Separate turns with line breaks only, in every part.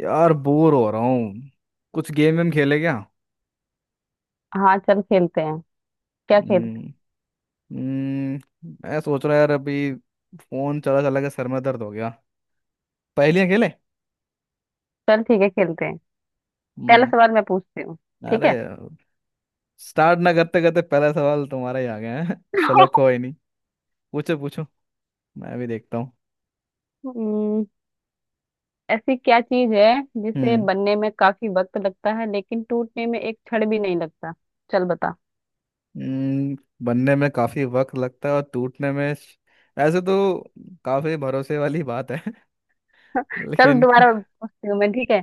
यार, बोर हो रहा हूँ। कुछ गेम वेम खेले क्या।
हाँ चल खेलते हैं। क्या खेल।
हम्म। हम्म, मैं सोच रहा यार अभी फोन चला चला के सर में दर्द हो गया। पहेलियां खेले।
चल ठीक है खेलते हैं। पहला
हम्म।
सवाल मैं पूछती हूँ। ठीक
अरे,
है।
स्टार्ट ना करते करते पहला सवाल तुम्हारा ही आ गया है चलो, कोई नहीं, पूछो पूछो, मैं भी देखता हूँ।
हम्म, ऐसी क्या चीज है जिसे
हम्म
बनने में काफी वक्त लगता है लेकिन टूटने में एक क्षण भी नहीं लगता। चल बता।
हम्म, बनने में काफी वक्त लगता है और टूटने में, ऐसे तो काफी भरोसे वाली बात है
चल
लेकिन
दोबारा पूछती हूँ मैं, ठीक है।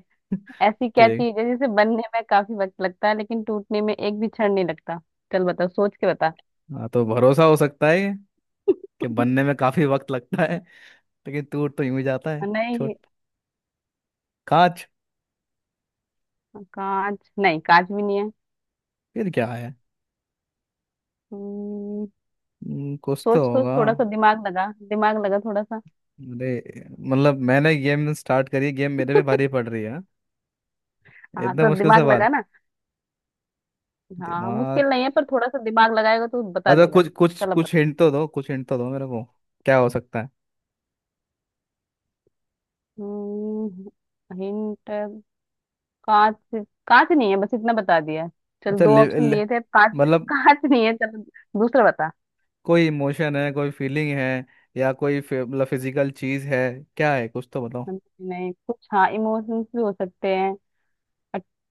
ऐसी क्या
ठीक।
चीज है जिसे बनने में काफी वक्त लगता है लेकिन टूटने में एक भी क्षण नहीं लगता। चल बता, सोच के बता।
हाँ, तो भरोसा हो सकता है कि बनने में काफी वक्त लगता है लेकिन टूट तो यूं ही जाता है। छोट
नहीं।
कांच।
कांच नहीं, कांच भी नहीं है।
फिर क्या है।
हम्म,
कुछ तो
सोच सोच,
होगा।
थोड़ा सा दिमाग लगा, दिमाग लगा थोड़ा सा।
अरे मतलब मैंने गेम स्टार्ट करी, गेम मेरे पे भारी पड़ रही है हाँ?
हाँ
इतना
तो
मुश्किल
दिमाग
सवाल।
लगा ना। हाँ
दिमाग।
मुश्किल नहीं है, पर थोड़ा सा दिमाग लगाएगा तो बता
अच्छा,
देगा।
कुछ कुछ
चलो
कुछ
बता।
हिंट तो दो, कुछ हिंट तो दो मेरे को। क्या हो सकता है।
हम्म, हिंट। कांच। कांच नहीं है, बस इतना बता दिया। चल,
अच्छा,
दो
ले,
ऑप्शन
ले,
दिए थे, कांच।
मतलब
कांच नहीं है। चल दूसरा बता।
कोई इमोशन है, कोई फीलिंग है, या मतलब फिजिकल चीज है, क्या है, कुछ तो बताओ।
नहीं कुछ, हाँ इमोशंस भी हो सकते हैं।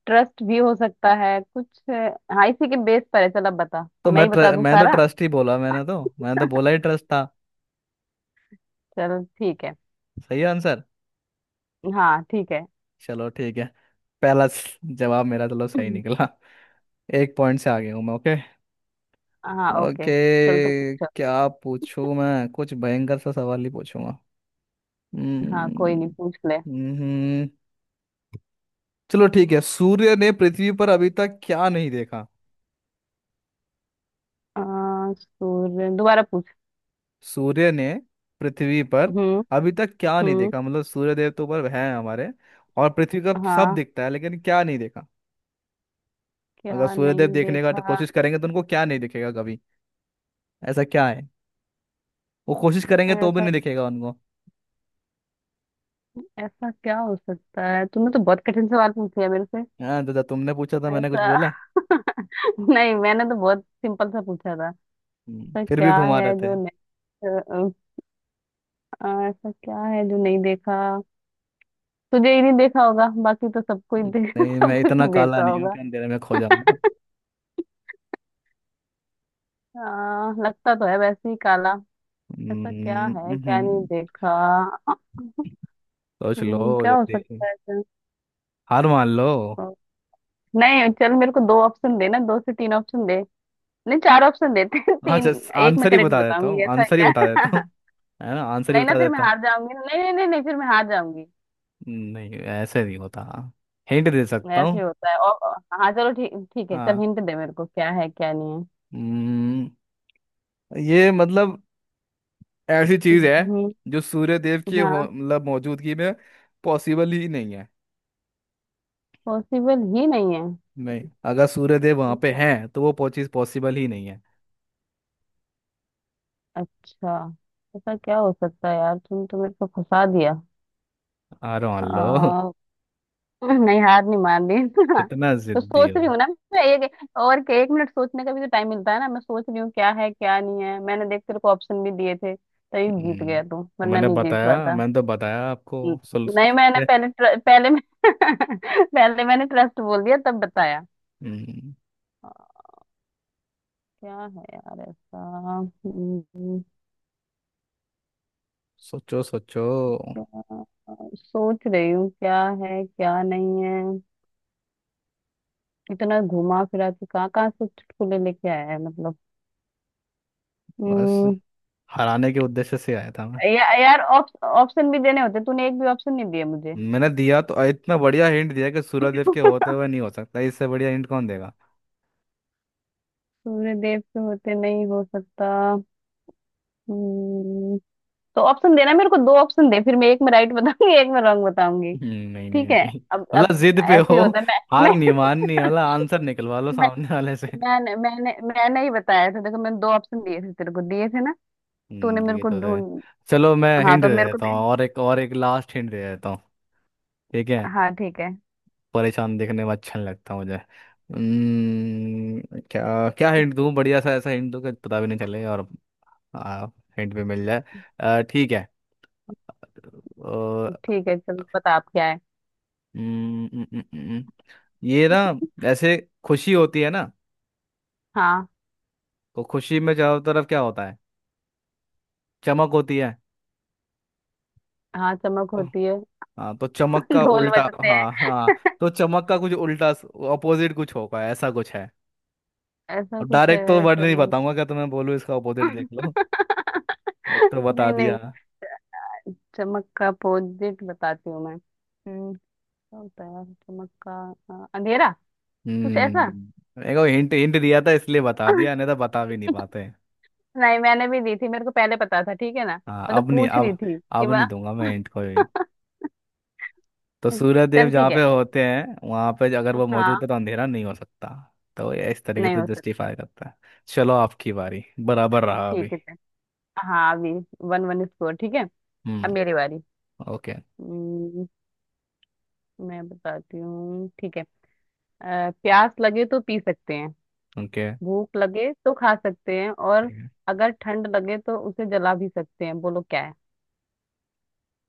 ट्रस्ट भी हो सकता है कुछ, हाँ इसी के बेस पर है। चल अब बता,
तो
मैं ही बता दूं
मैं तो
सारा।
ट्रस्ट ही बोला, मैंने तो बोला ही ट्रस्ट था।
चल ठीक है।
सही आंसर।
हाँ ठीक है।
चलो ठीक है। जवाब मेरा चलो सही निकला। एक पॉइंट से आगे हूँ मैं। ओके।
हाँ ओके।
ओके।
चल तो पूछ।
क्या पूछूं मैं, कुछ भयंकर सा सवाल ही पूछूंगा।
हाँ कोई नहीं,
हम्म,
पूछ ले।
हम्म, हम्म। चलो ठीक है। सूर्य ने पृथ्वी पर अभी तक क्या नहीं देखा।
सूर्य, दोबारा पूछ।
सूर्य ने पृथ्वी पर
हम्म।
अभी तक क्या नहीं
हम्म।
देखा, मतलब सूर्य देव तो ऊपर है हमारे और पृथ्वी का सब
हाँ।
दिखता है, लेकिन क्या नहीं देखा। अगर
क्या
सूर्यदेव
नहीं
देखने का तो
देखा।
कोशिश करेंगे तो उनको क्या नहीं दिखेगा कभी। ऐसा क्या है, वो कोशिश करेंगे तो भी
ऐसा।
नहीं दिखेगा उनको।
ऐसा क्या हो सकता है? तुमने तो बहुत कठिन सवाल पूछ लिया मेरे से।
हाँ दादा, तुमने पूछा था, मैंने कुछ
ऐसा।
बोला।
नहीं, मैंने तो बहुत सिंपल सा पूछा था। ऐसा
फिर भी
क्या
घुमा
है
रहे थे।
जो नहीं। अ, ऐसा क्या है जो नहीं देखा। तुझे ही नहीं देखा होगा, बाकी तो सबको ही दे,
नहीं, मैं
सब कुछ
इतना
ही
काला
देखा
नहीं हूँ
होगा।
कि अंधेरे में खो जाऊंगा।
लगता तो है वैसे ही काला। ऐसा क्या
हम्म,
है, क्या नहीं
हम्म,
देखा?
सोच लो
क्या हो
जल्दी।
सकता है ऐसा?
हार मान लो।
नहीं चल, मेरे को दो ऑप्शन देना, दो से तीन ऑप्शन दे। नहीं, चार ऑप्शन देते हैं तीन।
अच्छा,
एक मैं
आंसर ही
करेक्ट
बता देता
बताऊंगी,
हूँ,
ऐसा है
आंसर ही बता देता
क्या।
हूँ, है ना, आंसर ही
नहीं ना,
बता
फिर मैं
देता हूँ।
हार जाऊंगी, नहीं नहीं नहीं नहीं फिर मैं हार जाऊंगी।
नहीं, ऐसे नहीं होता। हिंट दे सकता
ऐसे ही
हूँ।
होता है और। हाँ चलो, ठीक ठीक है, चल
हाँ।
हिंट दे मेरे को, क्या है क्या नहीं है।
हम्म, ये मतलब ऐसी चीज है
हम्म,
जो सूर्य देव की हो,
हाँ
मतलब मौजूदगी में पॉसिबल ही नहीं है।
पॉसिबल ही नहीं है।
नहीं, अगर सूर्यदेव वहां
ठीक
पे
है।
हैं तो चीज पॉसिबल ही नहीं है।
अच्छा। ऐसा क्या हो सकता है यार, तुम तो मेरे को फंसा दिया।
अरे मान लो
आ, नहीं, हार नहीं मान रही
कितना
तो
जिद्दी
सोच
हो।
रही हूँ ना। मैं एक, और के एक मिनट सोचने का भी तो टाइम मिलता है ना, मैं सोच रही हूँ क्या है क्या नहीं है, मैंने देख तेरे को ऑप्शन भी दिए थे, तभी जीत गया तू
तो
वरना
मैंने
नहीं जीत
बताया,
पाता।
मैंने तो बताया
न-
आपको। सुल
नहीं, मैंने
ये-
पहले पहले मैं पहले मैंने ट्रस्ट बोल दिया, तब बताया।
हम्म,
आ, क्या है यार ऐसा। हम्म,
सोचो सोचो।
क्या- सोच रही हूँ क्या है क्या नहीं है। इतना घुमा फिरा के कहाँ कहाँ से चुटकुले लेके आया है, मतलब।
बस,
हम्म,
हराने के उद्देश्य से आया था मैं।
यार, ऑप्शन भी देने होते, तूने एक भी ऑप्शन नहीं दिया मुझे।
मैंने दिया तो, इतना बढ़िया हिंट दिया कि सूर्यदेव के होते हुए नहीं हो सकता, इससे बढ़िया हिंट कौन देगा।
सूर्य देव के होते नहीं हो सकता। हम्म, तो ऑप्शन देना मेरे को, दो ऑप्शन दे, फिर मैं एक में राइट बताऊंगी, एक में रॉन्ग बताऊंगी।
हम्म, नहीं नहीं
ठीक है।
नहीं
अब।
मतलब जिद पे
ऐसे
हो,
ही होता है।
हार नहीं माननी है, मतलब आंसर निकलवा लो
मैं
सामने वाले से।
मैं मैंने मैंने मैंने ही बताया था, देखो मैंने दो ऑप्शन दिए थे, तेरे को दिए थे ना। तूने
हम्म,
मेरे
ये
को
तो है।
ढूंढ।
चलो मैं
हाँ
हिंट दे
तो मेरे को
देता हूँ,
भी-।
और एक, और एक लास्ट हिंट दे देता हूँ। ठीक है,
हाँ ठीक है,
परेशान देखने में अच्छा नहीं लगता मुझे। क्या क्या हिंट दूँ, बढ़िया सा ऐसा हिंट दूँ कि पता भी नहीं चले और आ, हिंट भी मिल जाए। ठीक है।
ठीक है। चल बता आप, क्या है।
हम्म, हम्म, हम्म, हम्म, ये ना, ऐसे खुशी होती है ना,
हाँ।
तो खुशी में चारों तरफ क्या होता है, चमक होती है।
हाँ चमक
तो-
होती है।
हाँ, तो चमक का
ढोल
उल्टा,
बजते हैं।
हाँ हाँ, तो चमक का कुछ उल्टा, अपोजिट कुछ होगा, ऐसा कुछ है।
ऐसा
अब
कुछ है।
डायरेक्ट तो वर्ड नहीं बताऊंगा, क्या तुम्हें बोलूँ, इसका अपोजिट देख लो, ये तो बता
नहीं
दिया।
नहीं। चमक का अपोजिट बताती हूँ मैं। हम्म। क्या होता है चमक का। अंधेरा। कुछ ऐसा।
हम्म, देखो, हिंट हिंट दिया था इसलिए बता दिया, नहीं तो बता भी नहीं पाते।
नहीं मैंने भी दी थी, मेरे को पहले पता था, ठीक है ना।
हाँ,
मैं तो
अब नहीं,
पूछ रही
अब,
थी कि
अब
मैं।
नहीं दूंगा मैं हिंट कोई। तो सूर्य देव
चल
जहाँ
ठीक
पे
है।
होते हैं वहां पे अगर वो मौजूद
हाँ।
है तो अंधेरा नहीं हो सकता, तो ये इस तरीके
नहीं
से
हो सकता।
जस्टिफाई करता है। चलो आपकी बारी, बराबर रहा अभी।
ठीक है चल। हाँ अभी। 1-1 स्कोर, ठीक है। अब
हम्म।
मेरी बारी।
ओके।
हम्म, मैं बताती हूँ, ठीक है। प्यास लगे तो पी सकते हैं,
ओके।
भूख लगे तो खा सकते हैं, और अगर ठंड लगे तो उसे जला भी सकते हैं, बोलो क्या है।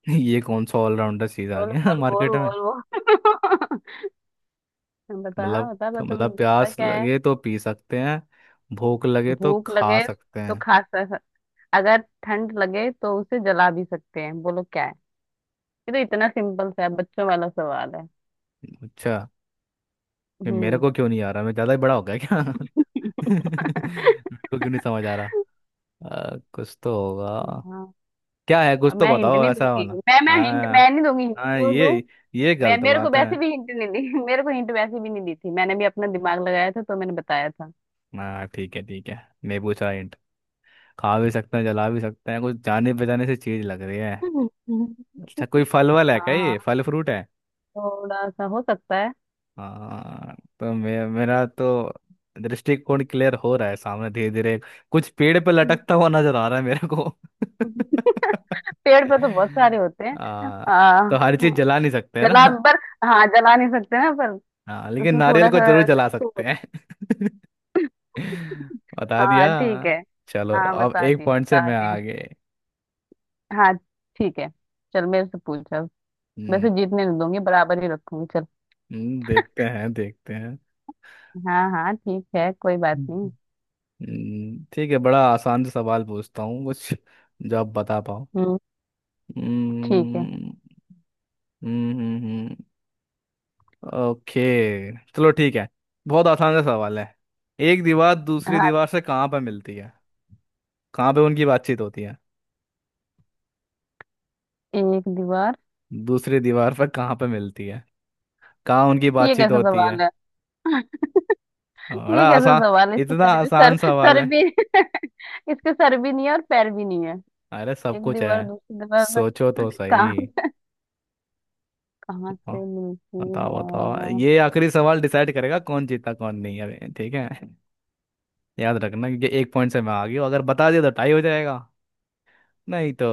ये कौन सा ऑलराउंडर चीज आ
बोल
गया
बोल बोल
मार्केट में।
बोल बोल बता
मतलब,
बता बता
मतलब
जल्दी बता,
प्यास
क्या है।
लगे तो पी सकते हैं, भूख लगे तो
भूख
खा
लगे
सकते
तो
हैं।
खा सक, अगर ठंड लगे तो उसे जला भी सकते हैं, बोलो क्या है। ये तो इतना सिंपल सा है, बच्चों वाला सवाल है।
अच्छा। ये मेरे
हम्म।
को क्यों नहीं आ रहा, मैं ज्यादा ही बड़ा हो गया क्या मेरे को क्यों नहीं समझ आ रहा। कुछ तो होगा।
हाँ।
क्या है, कुछ
अब
तो
मैं हिंट
बताओ
नहीं
ऐसा
दूंगी,
वाला।
मैं हिंट, मैं
हाँ,
नहीं दूंगी hint।
हाँ
क्यों दूं।
ये
मैं
गलत
मेरे को
बात है।
वैसे भी हिंट नहीं दी मेरे को हिंट वैसे भी नहीं दी थी, मैंने भी अपना दिमाग लगाया था तो मैंने बताया था।
हाँ ठीक है ठीक है। नींबू चाय हिंट। खा भी सकते हैं, जला भी सकते हैं, कुछ जाने पहचाने से चीज लग रही है।
हम्म, हम्म,
अच्छा, कोई फल वल है क्या, ये
हाँ।
फल फ्रूट है।
थोड़ा सा हो सकता है।
हाँ तो मेरा तो दृष्टिकोण क्लियर हो रहा है सामने धीरे धीरे, कुछ पेड़ पे
हम्म।
लटकता हुआ नजर आ रहा है मेरे को।
पेड़ पे तो बहुत सारे होते हैं।
आ, तो हर चीज जला नहीं सकते है
जला
ना,
पर, हाँ जला नहीं सकते ना पर।
हाँ, लेकिन
उसमें
नारियल
थोड़ा
को
सा
जरूर जला सकते
तो-।
हैं बता दिया।
हाँ ठीक है।
चलो,
हाँ
अब
बता
एक
दिया,
पॉइंट से
बता
मैं
दिया।
आगे।
हाँ ठीक है। चल मेरे से पूछ अब।
हम्म।
वैसे जीतने नहीं दूंगी, बराबर ही रखूंगी चल।
देखते हैं देखते हैं।
हाँ हाँ ठीक है, कोई बात नहीं।
हम्म, ठीक है, बड़ा आसान सा सवाल पूछता हूँ कुछ, जो आप बता पाओ।
हम्म। ठीक है।
हम्म, हम्म हम्म हम्म, ओके चलो ठीक है, बहुत आसान सा सवाल है। एक दीवार दूसरी
हाँ।
दीवार से कहाँ पे मिलती है, कहाँ पे उनकी बातचीत होती है।
एक दीवार।
दूसरी दीवार पर कहाँ पे मिलती है, कहाँ उनकी
ये
बातचीत
कैसा
होती
सवाल
है।
है। ये
बड़ा
कैसा
आसान,
सवाल है, इसके
इतना
सर भी सर
आसान सवाल
सर
है।
भी इसके सर भी नहीं है और पैर भी नहीं है।
अरे सब
एक
कुछ
दीवार
है,
दूसरी दीवार
सोचो
पर
तो सही।
कहाँ, कहाँ
ब-
से मिलती
बताओ बताओ,
है।
ये आखिरी सवाल डिसाइड करेगा कौन जीता कौन नहीं, अरे ठीक है, याद रखना, क्योंकि एक पॉइंट से मैं आ गई हूँ, अगर बता दिया तो टाई हो जाएगा, नहीं तो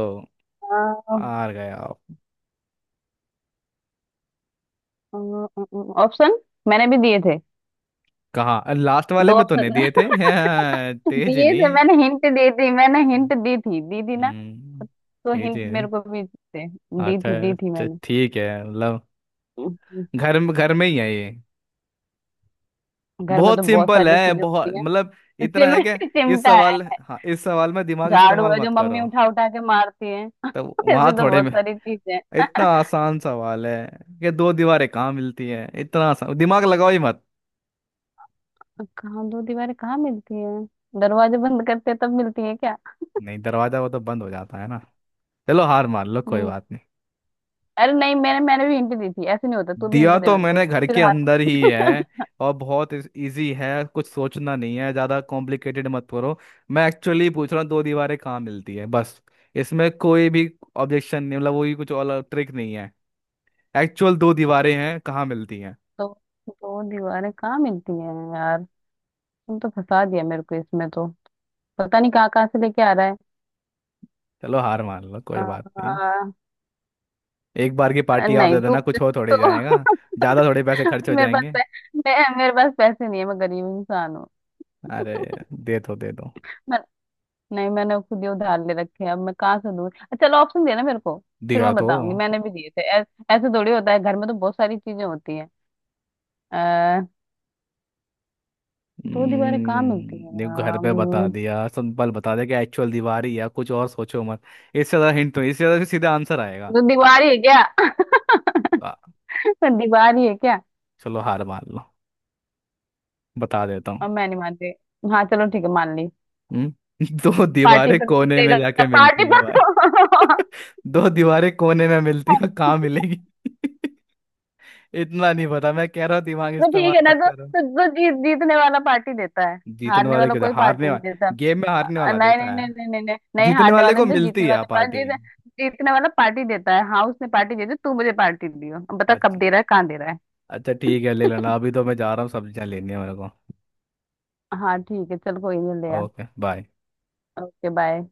हार गया।
ऑप्शन मैंने भी दिए थे।
कहाँ, लास्ट वाले
दो
में तो नहीं
ऑप्शन
दिए थे हाँ, तेज
दिए थे
नहीं।
मैंने, हिंट दी थी, मैंने हिंट दी थी, दी थी ना।
हम्म।
तो
तेज
हिंट
है।
मेरे को भी थे। दी
अच्छा
थी, दी थी
अच्छा,
मैंने।
ठीक है, मतलब
हम्म,
घर में, घर में ही है ये।
घर में तो
बहुत
बहुत
सिंपल
सारी
है,
चीजें
बहुत
होती हैं।
मतलब, इतना
चिम-
है कि, इस
चिमटा
सवाल,
है,
हाँ, इस सवाल में दिमाग
झाड़ू
इस्तेमाल
है जो
मत करो।
मम्मी उठा उठा के मारती है।
तो वहां
ऐसे तो
थोड़े
बहुत
में,
सारी चीजें।
इतना आसान सवाल है कि दो दीवारें कहाँ मिलती है, इतना आसान, दिमाग लगाओ ही मत।
कहाँ, दो दीवारें कहाँ मिलती है। दरवाजे बंद करते हैं तब मिलती है क्या।
नहीं, दरवाजा वो तो बंद हो जाता है ना। चलो हार मान लो, कोई
हम्म।
बात।
अरे नहीं, मैंने मैंने भी हिंट दी थी, ऐसे नहीं होता, तू भी हिंट
दिया
दे
तो
मेरे को।
मैंने, घर
फिर
के
हार।
अंदर ही है। और बहुत इजी है, कुछ सोचना नहीं है ज़्यादा, कॉम्प्लिकेटेड मत करो। मैं एक्चुअली पूछ रहा हूँ दो दीवारें कहाँ मिलती है, बस, इसमें कोई भी ऑब्जेक्शन नहीं, मतलब वही, कुछ और ट्रिक नहीं है, एक्चुअल दो दीवारें हैं, कहाँ मिलती हैं।
तो दो दीवारें कहाँ मिलती हैं यार, तुम तो फंसा दिया मेरे को, इसमें तो पता नहीं कहाँ कहाँ से लेके आ रहा है।
चलो हार मान लो, कोई
आ,
बात नहीं, एक बार की
आ,
पार्टी आप
नहीं
दे
तू
देना, कुछ हो थोड़ी
तो
जाएगा, ज़्यादा थोड़े पैसे खर्च हो
मेरे पास
जाएंगे।
पै- मैं, मेरे पास पैसे नहीं है, मैं गरीब इंसान हूँ।
अरे दे दो,
नहीं, मैंने खुद ही उधार ले रखे हैं, अब मैं कहाँ से दूँ। चलो ऑप्शन देना मेरे को, फिर
दिया
मैं
तो।
बताऊंगी, मैंने भी दिए थे। ऐसे थोड़ी होता है, घर में तो बहुत सारी चीजें होती हैं। अः। दो दीवारें कहाँ मिलती हैं
देखो घर
यार?
पे बता दिया, सिंपल बता दिया कि एक्चुअल दीवार ही है, कुछ और सोचो मत। इससे ज्यादा हिंट तो, इससे ज्यादा सीधा आंसर आएगा।
दो दीवार ही है क्या।
आ,
दीवार ही है क्या।
चलो हार मान लो, बता देता हूँ।
और मैं नहीं मानती। हाँ चलो ठीक है, मान ली।
हम्म? दो
पार्टी
दीवारें
पर तो
कोने में
देगा।
जाके
पार्टी
मिलती है
पर
भाई
तो।
दो दीवारें कोने में मिलती है, कहाँ मिलेगी इतना नहीं पता, मैं कह रहा हूँ दिमाग
तो
इस्तेमाल
ठीक है ना,
मत
तो
करो।
तो, तो जीतने वाला पार्टी देता है।
जीतने
हारने
वाले
वाला
क्यों,
कोई पार्टी
हारने
नहीं देता।
वाले, गेम में हारने वाला
नहीं नहीं
देता
नहीं
है।
नहीं नहीं नहीं नहीं,
जीतने
हारने
वाले
वाले
को
ने तो जीतने
मिलती है
वाले पास
पार्टी।
जीत, जीतने वाला पार्टी देता है। हाँ उसने पार्टी दे दी, तू मुझे पार्टी दियो, अब बता कब
अच्छा
दे रहा है, कहाँ दे रहा है।
अच्छा ठीक है, ले लेना, अभी तो मैं जा रहा हूँ, सब्जियाँ लेनी है मेरे को।
हाँ ठीक है चल, कोई नहीं, ले आ।
Okay bye.
Okay bye.